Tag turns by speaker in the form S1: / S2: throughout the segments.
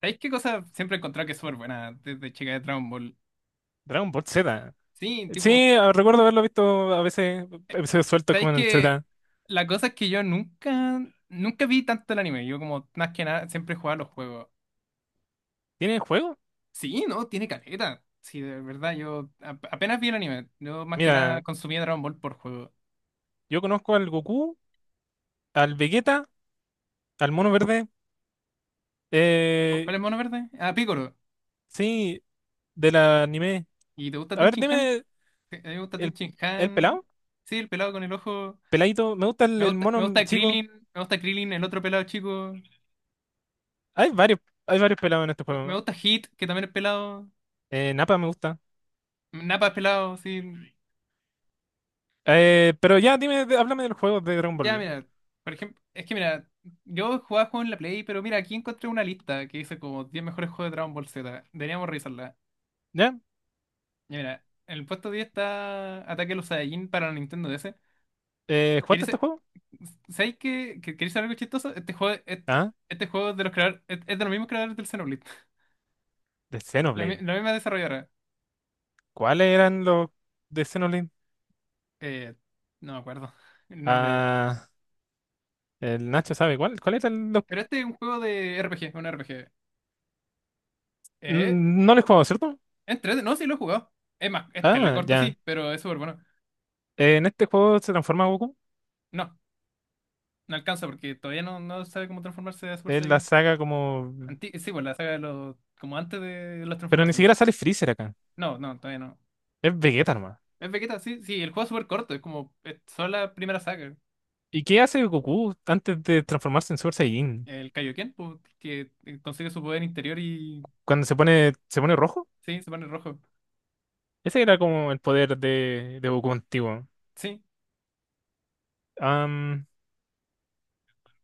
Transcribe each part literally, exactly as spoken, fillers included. S1: ¿Sabéis qué cosa siempre he encontrado que es súper buena desde chica de Dragon Ball?
S2: Dragon Ball Z.
S1: Sí, tipo,
S2: Sí, ah, recuerdo haberlo visto a veces, episodios sueltos como
S1: ¿sabéis
S2: en el
S1: que
S2: Z.
S1: la cosa es que yo nunca, nunca vi tanto el anime? Yo como más que nada siempre jugaba los juegos.
S2: ¿Tiene juego?
S1: Sí, no, tiene caleta. Sí, de verdad, yo ap- apenas vi el anime. Yo más que nada
S2: Mira,
S1: consumía Dragon Ball por juego.
S2: yo conozco al Goku, al Vegeta, al Mono Verde.
S1: ¿Cu-
S2: Eh,
S1: ¿Cuál es el mono verde? Ah, Piccolo.
S2: sí, del anime.
S1: ¿Y te gusta
S2: A
S1: Ten
S2: ver,
S1: Han?
S2: dime
S1: Sí, a mí me gusta Ten
S2: el, el
S1: Han.
S2: pelado.
S1: Sí, el pelado con el ojo.
S2: Peladito, me gusta el,
S1: Me
S2: el
S1: gusta, me
S2: mono
S1: gusta
S2: chico.
S1: Krillin. Me gusta Krillin, el otro pelado chico.
S2: Hay varios, hay varios pelados en este
S1: Me me
S2: juego.
S1: gusta Hit, que también es pelado.
S2: Eh, Nappa me gusta.
S1: Napas pelados, sí.
S2: Eh, pero ya, dime, de- háblame del juego de Dragon
S1: Ya,
S2: Ball.
S1: mira, por ejemplo, es que mira, yo jugaba juegos en la Play, pero mira, aquí encontré una lista que dice como diez mejores juegos de Dragon Ball Z. Deberíamos revisarla.
S2: ¿Ya?
S1: Ya, mira, en el puesto diez está Ataque a los Saiyajin para la Nintendo D S.
S2: Eh,
S1: Que
S2: ¿jugaste este
S1: dice,
S2: juego?
S1: ¿sabéis que, que queréis saber algo chistoso? Este juego, es-
S2: Ah,
S1: este, juego es de los creadores, es, es de los mismos creadores del Xenoblade.
S2: de
S1: La, mi-
S2: Xenoblade.
S1: la misma desarrolladora.
S2: ¿Cuáles eran los de Xenoblade?
S1: Eh, no me acuerdo el nombre.
S2: Ah. El Nacho sabe cuál. ¿Cuál es el...? lo-
S1: Pero este es un juego de R P G, un R P G. Eh,
S2: N- No lo he jugado, ¿cierto?
S1: Entrete, no, sí lo he jugado. Es más, este le
S2: Ah,
S1: corto
S2: ya.
S1: sí, pero es súper bueno.
S2: Eh, En este juego se transforma Goku.
S1: No, no alcanza porque todavía no, no sabe cómo transformarse a Super
S2: Es la
S1: Saiyan.
S2: saga como...
S1: Anti- sí, pues la saga de los, como antes de las
S2: Pero ni
S1: transformaciones.
S2: siquiera sale Freezer acá.
S1: No, no, todavía no.
S2: Es Vegeta nomás.
S1: Es Vegeta, sí, sí, el juego es súper corto, es como, es solo la primera saga.
S2: ¿Y qué hace Goku antes de transformarse en Super Saiyajin?
S1: El Kaioken, pues, que eh, consigue su poder interior y,
S2: Cuando se pone, se pone rojo.
S1: sí, se pone rojo.
S2: Ese era como el poder de, de Goku antiguo.
S1: Sí,
S2: Am,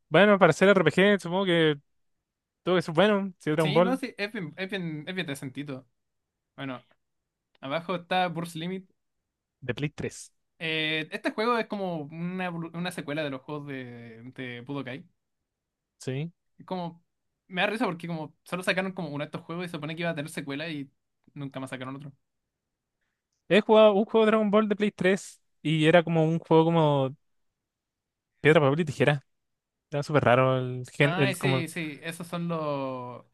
S2: bueno, para hacer R P G supongo que todo eso es bueno. Sí, Dragon
S1: sí, no,
S2: Ball
S1: sí, es bien, es bien, es bien decentito. Bueno, abajo está Burst Limit.
S2: de Play tres.
S1: Eh, este juego es como una, evolu- una secuela de los juegos de, de Budokai.
S2: Sí.
S1: Como, me da risa porque como solo sacaron como uno de estos juegos y se supone que iba a tener secuela y nunca más sacaron otro.
S2: He jugado un juego de Dragon Ball de Play tres y era como un juego como piedra, papel y tijera. Era súper raro el gen,
S1: Ah,
S2: el como.
S1: sí, sí, esos son los...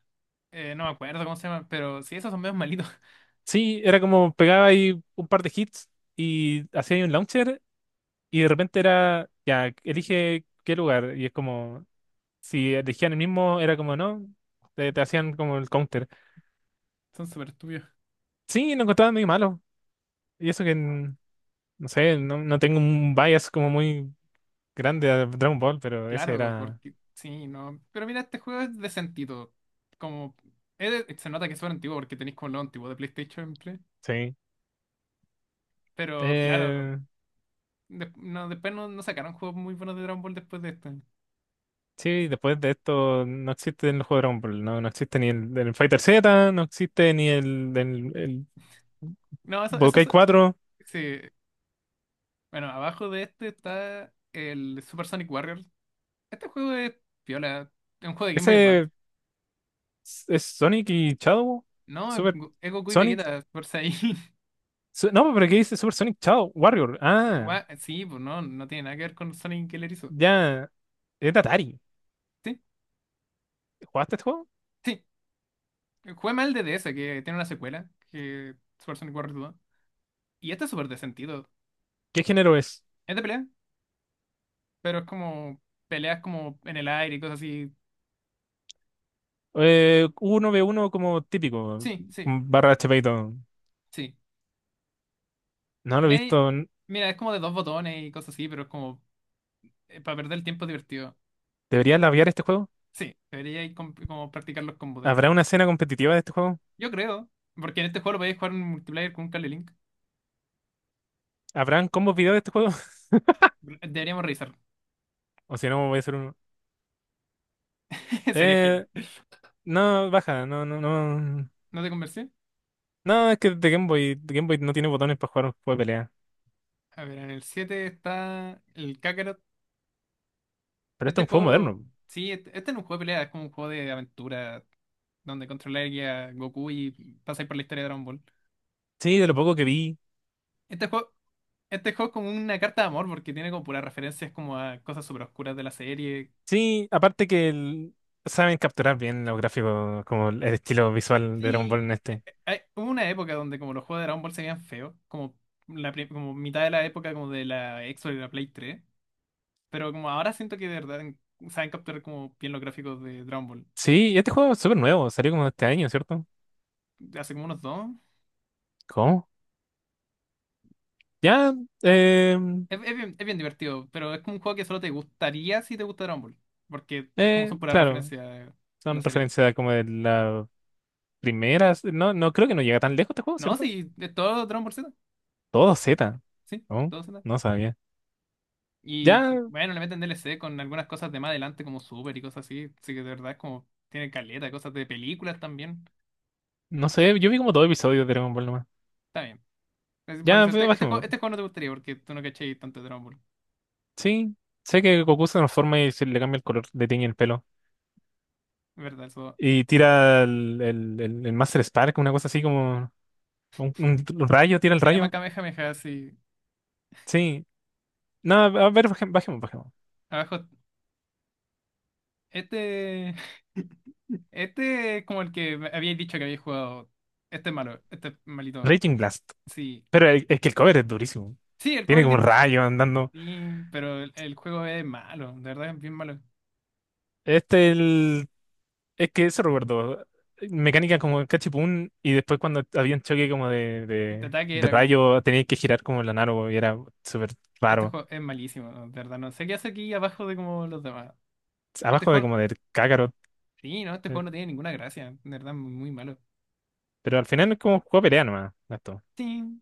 S1: eh, no me acuerdo cómo se llaman, pero sí, esos son medios malitos.
S2: Sí, era como pegaba ahí un par de hits y hacía ahí un launcher y de repente era, ya, elige qué lugar. Y es como, si elegían el mismo, era como, no, te, te hacían como el counter.
S1: Son súper estúpidos.
S2: Sí, lo encontraba muy malo. Y eso que, n- no sé, no, no tengo un bias como muy grande a Dragon Ball, pero ese
S1: Claro,
S2: era,
S1: porque sí, no. Pero mira, este juego es decentito. Como, es de- se nota que es súper antiguo porque tenéis como lo antiguo de PlayStation siempre.
S2: sí.
S1: Pero claro,
S2: Eh,
S1: de- no, después no, no sacaron juegos muy buenos de Dragon Ball después de este.
S2: sí, después de esto no existe en los juegos de Dragon Ball, no, no existe ni el, del Fighter Z, no existe ni el, del
S1: No, eso, eso,
S2: Budokai
S1: se-
S2: cuatro.
S1: Sí. Bueno, abajo de este está el Super Sonic Warriors. Este juego es piola. Es un juego de Game Boy Advance.
S2: Ese es, es Sonic y Shadow.
S1: No,
S2: Super
S1: es Goku y
S2: Sonic.
S1: Vegeta, por si ahí.
S2: Su- no, pero ¿qué dice Super Sonic Shadow Warrior? Ah,
S1: Gua- Sí, pues no, no tiene nada que ver con Sonic el Erizo.
S2: ya. Es de Atari.
S1: Sí,
S2: ¿Jugaste este juego?
S1: sí. Jugué mal de D S que tiene una secuela, que Super Sonic Warriors dos. Y este es súper de sentido.
S2: ¿Qué género es?
S1: Es de pelea, pero es como peleas como en el aire y cosas así.
S2: Eh, uno ve uno como típico.
S1: Sí, sí,
S2: Barra H P y todo.
S1: sí.
S2: No lo he
S1: Eh,
S2: visto.
S1: Mira, es como de dos botones y cosas así, pero es como eh, para perder el tiempo es divertido.
S2: ¿Deberías labiar este juego?
S1: Sí, debería ir com- como practicar los combos de este
S2: ¿Habrá
S1: juego.
S2: una escena competitiva de este juego?
S1: Yo creo, porque en este juego lo podéis jugar en multiplayer con un cable link.
S2: ¿Habrán combos video de este juego?
S1: Deberíamos revisarlo.
S2: O si no, voy a hacer uno.
S1: Sería genial.
S2: Eh, no, baja. No, no, no.
S1: ¿No te convencí?
S2: No, es que de Game Boy, de Game Boy no tiene botones para jugar un juego de pelea.
S1: A ver, en el siete está el Kakarot.
S2: Pero esto es
S1: Este
S2: un juego
S1: juego,
S2: moderno.
S1: sí, este, este no es un juego de pelea, es como un juego de aventura donde controláis a Goku y pasáis por la historia de Dragon Ball.
S2: Sí, de lo poco que vi.
S1: Este juego, este juego es como una carta de amor porque tiene como puras referencias como a cosas súper oscuras de la serie.
S2: Sí, aparte que el- saben capturar bien los gráficos, como el estilo visual de Dragon Ball
S1: Sí,
S2: en
S1: eh,
S2: este.
S1: eh, hay- hubo una época donde como los juegos de Dragon Ball se veían feos, como, la, pri- como mitad de la época como de la Xbox y la Play tres. Pero como ahora siento que de verdad en- saben capturar como bien los gráficos de Dragon Ball.
S2: Sí, y este juego es súper nuevo, salió como este año, ¿cierto?
S1: Hace como unos dos.
S2: ¿Cómo? Ya, eh,
S1: Es, es bien, es bien divertido, pero es como un juego que solo te gustaría si te gusta Dragon Ball. Porque es como
S2: eh,
S1: son puras
S2: claro,
S1: referencias a la
S2: son
S1: serie.
S2: referencias como de las primeras. No, no creo, que no llega tan lejos este juego,
S1: No,
S2: ¿cierto?
S1: sí, de todo Dragon Ball Z.
S2: Todo Z.
S1: Sí,
S2: ¿No?
S1: todo Z.
S2: No sabía.
S1: Y
S2: Ya,
S1: bueno, le meten D L C con algunas cosas de más adelante como Super y cosas así. Así que de verdad es como tiene caleta, cosas de películas también.
S2: no sé, yo vi como dos episodios de Dragon Ball nomás.
S1: Está bien. Es por
S2: Ya,
S1: eso, este,
S2: pero
S1: este juego,
S2: bajemos.
S1: este juego no te gustaría porque tú no cachéis tanto de Dragon Ball.
S2: Sí, sé que Goku se transforma y se le cambia el color, le tiñe el pelo.
S1: Es verdad, eso.
S2: Y tira el, el, el- el Master Spark, una cosa así como un, un rayo, tira el
S1: Se llama
S2: rayo.
S1: Kamehameha, sí.
S2: Sí. No, a ver, bajem- bajemos, bajemos.
S1: Abajo este. Este es como el que me habíais dicho que habéis jugado. Este es malo, este es malito.
S2: Raging Blast.
S1: Sí.
S2: Pero el- es que el cover es durísimo.
S1: Sí, el
S2: Tiene
S1: cover.
S2: como un
S1: di-
S2: rayo andando.
S1: Sí, pero el, el juego es malo, de verdad es bien malo.
S2: Este el, es que eso recuerdo. Mecánica como cachipún y después cuando había un choque como de,
S1: De
S2: de,
S1: ataque
S2: de
S1: era como.
S2: rayo tenía que girar como la naro y era súper
S1: Este
S2: raro.
S1: juego es malísimo, ¿no? De verdad. No sé qué hace aquí abajo de como los demás. Este
S2: Abajo de
S1: juego.
S2: como del Kakarot.
S1: Sí, no, este
S2: eh,
S1: juego no tiene ninguna gracia. De verdad, muy malo.
S2: Pero al final es como un juego de pelea nomás, esto.
S1: Sí,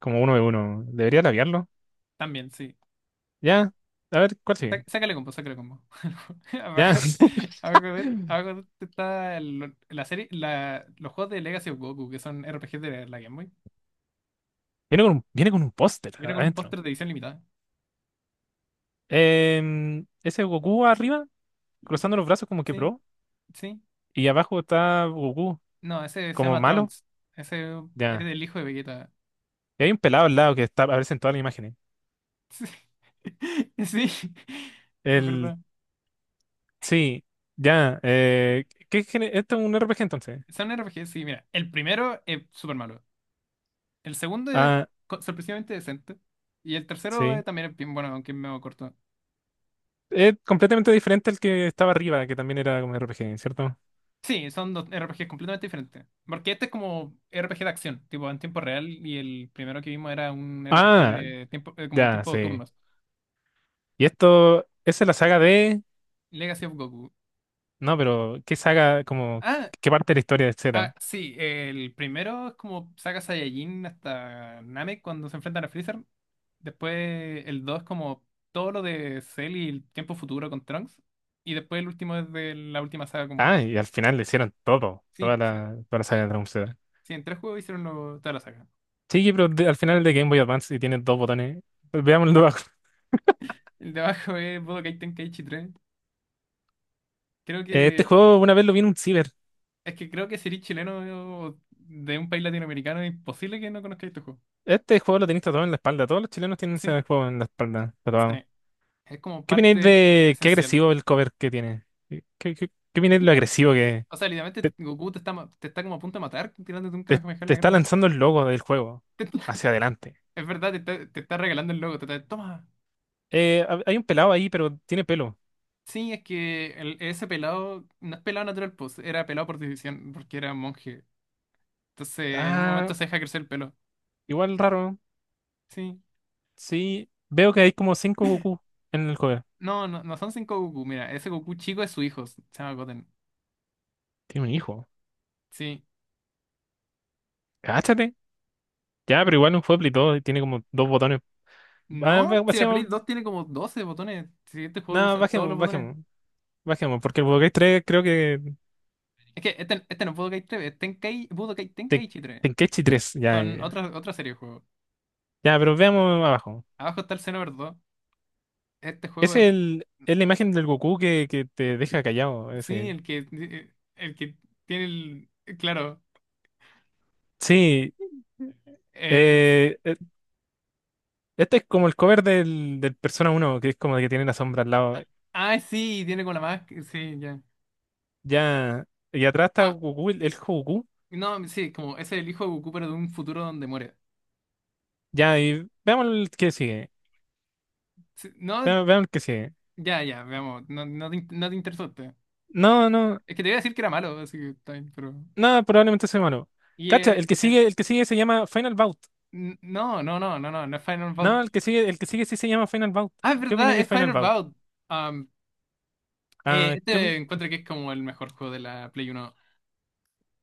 S2: Como uno de uno. Debería labiarlo.
S1: también, sí.
S2: Ya, a ver, ¿cuál
S1: Sá-
S2: sigue?
S1: Sácale combo, sácale combo.
S2: Ya.
S1: Abajo, abajo de,
S2: Viene
S1: abajo de esto está el- la serie, la, los juegos de Legacy of Goku, que son R P Gs de la Game Boy.
S2: con un, viene con un póster
S1: Viene con un
S2: adentro.
S1: póster de edición limitada.
S2: Em, ese Goku arriba, cruzando los brazos como que
S1: Sí,
S2: pro.
S1: sí.
S2: Y abajo está Goku,
S1: No, ese se
S2: como
S1: llama
S2: malo.
S1: Trunks. Ese es
S2: Ya.
S1: del hijo de Vegeta.
S2: Y hay un pelado al lado que está, aparece en todas las imágenes.
S1: Sí, sí, es
S2: El,
S1: verdad.
S2: sí, ya. Eh, ¿qué, gene- esto es un R P G entonces?
S1: Son R P Gs, sí, mira. El primero es súper malo. El segundo es
S2: Ah,
S1: co- sorpresivamente decente. Y el tercero eh,
S2: sí.
S1: también es bien bueno, aunque es medio corto.
S2: Es completamente diferente al que estaba arriba, que también era como R P G, ¿cierto?
S1: Sí, son dos R P Gs completamente diferentes. Porque este es como R P G de acción, tipo en tiempo real, y el primero que vimos era un R P G
S2: Ah,
S1: de tiempo, eh, como
S2: ya,
S1: tiempo de
S2: sí.
S1: turnos.
S2: Y esto, ¿esa es la saga de?
S1: Legacy of Goku.
S2: No, pero ¿qué saga, como,
S1: Ah,
S2: qué parte de la historia de
S1: ah,
S2: Zeta?
S1: sí, el primero es como saga Saiyajin hasta Namek cuando se enfrentan a Freezer. Después el dos es como todo lo de Cell y el tiempo futuro con Trunks. Y después el último es de la última saga con Buu.
S2: Ah, y al final le hicieron todo, toda
S1: Sí, sí.
S2: la, toda la saga de Dragon Zeta.
S1: Sí, en tres juegos hicieron lo- toda la saga.
S2: Sí, pero de- al final es de Game Boy Advance y tiene dos botones. Veámoslo abajo.
S1: El de abajo es Budokai Tenkaichi tres. Creo
S2: Eh, Este
S1: que
S2: juego una vez lo vi en un ciber.
S1: es que creo que si eres chileno o de un país latinoamericano es imposible que no conozcáis este juego.
S2: Este juego lo tenéis tatuado en la espalda. Todos los chilenos tienen
S1: Sí,
S2: ese juego en la espalda tatuado.
S1: sí. Es como
S2: ¿Qué opináis
S1: parte
S2: de qué
S1: esencial.
S2: agresivo el cover que tiene? ¿Qué, qué, qué qué opináis de
S1: Sí.
S2: lo agresivo que es?
S1: O sea, literalmente
S2: te,
S1: Goku te está, ma- te está como a punto de matar tirándote un
S2: te-
S1: Kamehameha en
S2: Te
S1: la
S2: está
S1: cara.
S2: lanzando el logo del juego
S1: Te
S2: hacia adelante?
S1: es verdad, te está, te está regalando el logo. Te está, toma.
S2: Eh, hab- hay un pelado ahí, pero tiene pelo.
S1: Sí, es que el- ese pelado no es pelado natural, pues era pelado por decisión, porque era monje. Entonces, en un momento
S2: Ah,
S1: se deja crecer el pelo.
S2: igual raro.
S1: Sí.
S2: Sí, veo que hay como cinco Goku en el juego.
S1: No, no, no son cinco Goku. Mira, ese Goku chico es su hijo. Se llama Goten.
S2: Tiene un hijo.
S1: Sí.
S2: Cáchate. Ya, pero igual un Pueblo y todo, y tiene como dos botones. Ah, ba-
S1: No, si la Play
S2: bajemos,
S1: dos tiene como doce botones. Si este juego
S2: nada,
S1: usa todos los
S2: bajemos,
S1: botones.
S2: bajemos, bajemos, porque el Pokédex tres, creo que
S1: Es que este, este no es Budokai tres, es Tenkei, Budokai
S2: te,
S1: Tenkaichi tres.
S2: Tenkechi tres, ya, ya,
S1: Son
S2: ya.
S1: otra, otra serie de juegos.
S2: Ya, pero veamos abajo.
S1: Abajo está el Xenoverse dos. Este juego
S2: Es
S1: es,
S2: el, es la imagen del Goku que, que te deja callado,
S1: sí,
S2: ese.
S1: el que, eh, el que tiene el, claro.
S2: Sí,
S1: eh, es-
S2: eh, eh, este es como el cover del, del Persona uno, que es como que tiene la sombra al lado.
S1: ah, ah, sí, tiene como la máscara, sí, ya.
S2: Ya, y atrás está
S1: Ah,
S2: Goku, el, el Goku.
S1: no, sí, como ese es el hijo de Goku, pero de un futuro donde muere.
S2: Ya, y veamos el que sigue.
S1: Sí, no,
S2: Vean, vean el que sigue.
S1: ya, ya, veamos, no, no te, in- no te interesaste.
S2: No, no,
S1: Es que te iba a decir que era malo, así que está bien, pero...
S2: no, probablemente soy malo.
S1: Y
S2: Cacha,
S1: eh,
S2: el que
S1: en
S2: sigue, el que sigue se llama Final Bout.
S1: N- No, no, no, no, no, no es Final Bout.
S2: No, el que sigue, el que sigue sí se llama Final Bout.
S1: Ah, es
S2: ¿Qué opináis
S1: verdad,
S2: de
S1: es
S2: Final
S1: Final
S2: Bout?
S1: Bout. Am, eh,
S2: Ah, ¿qué
S1: este
S2: opin-
S1: encuentro que es como el mejor juego de la Play Uno.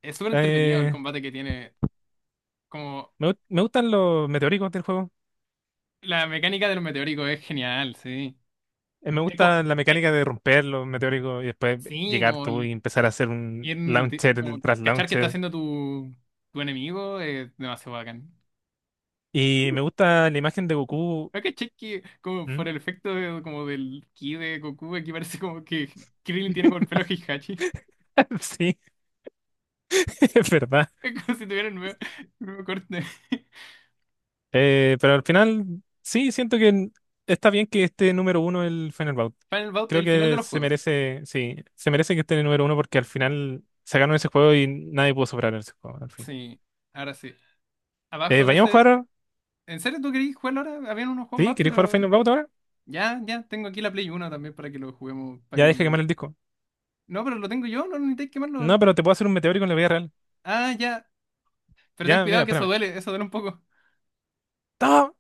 S1: Es súper entretenido el
S2: eh,
S1: combate que tiene. Como
S2: me, gu- me gustan los meteóricos del juego.
S1: la mecánica de los meteóricos es genial, sí.
S2: Eh, me
S1: Es como,
S2: gusta la
S1: eh,
S2: mecánica de romper los meteóricos y después
S1: sí,
S2: llegar
S1: como,
S2: tú
S1: el-
S2: y empezar a hacer un
S1: ir de-
S2: launcher
S1: como
S2: tras
S1: cachar que está
S2: launcher.
S1: haciendo tu, tu enemigo es demasiado bacán.
S2: Y me gusta la imagen de Goku.
S1: ¿No caché que como por
S2: ¿Mm?
S1: el efecto de- como del ki de Goku, aquí parece como que Krillin tiene como el pelo de Heihachi?
S2: Sí, es verdad.
S1: Es como si tuviera el nuevo, el nuevo corte.
S2: Eh, pero al final, sí, siento que n- está bien que esté número uno el Fenerbahce.
S1: Final Bout,
S2: Creo
S1: el final de
S2: que
S1: los
S2: se
S1: juegos.
S2: merece, sí, se merece que esté en el número uno porque al final se ganó ese juego y nadie pudo superar ese juego, al fin.
S1: Sí, ahora sí.
S2: Eh,
S1: Abajo de
S2: ¿vayamos a
S1: ese.
S2: jugar?
S1: ¿En serio tú querías jugarlo ahora? Habían unos juegos
S2: ¿Sí?
S1: más,
S2: ¿Queréis jugar
S1: pero.
S2: Fenerbahce ahora?
S1: Ya, ya, tengo aquí la Play uno también para que lo juguemos, para
S2: Ya
S1: que
S2: deja
S1: venga ahí.
S2: quemar el disco.
S1: No, pero lo tengo yo, no necesitáis quemarlo.
S2: No, pero te puedo hacer un meteórico en la vida real.
S1: Ah, ya. Pero ten
S2: Ya, mira,
S1: cuidado que eso
S2: espérame.
S1: duele, eso duele un poco.
S2: ¡No!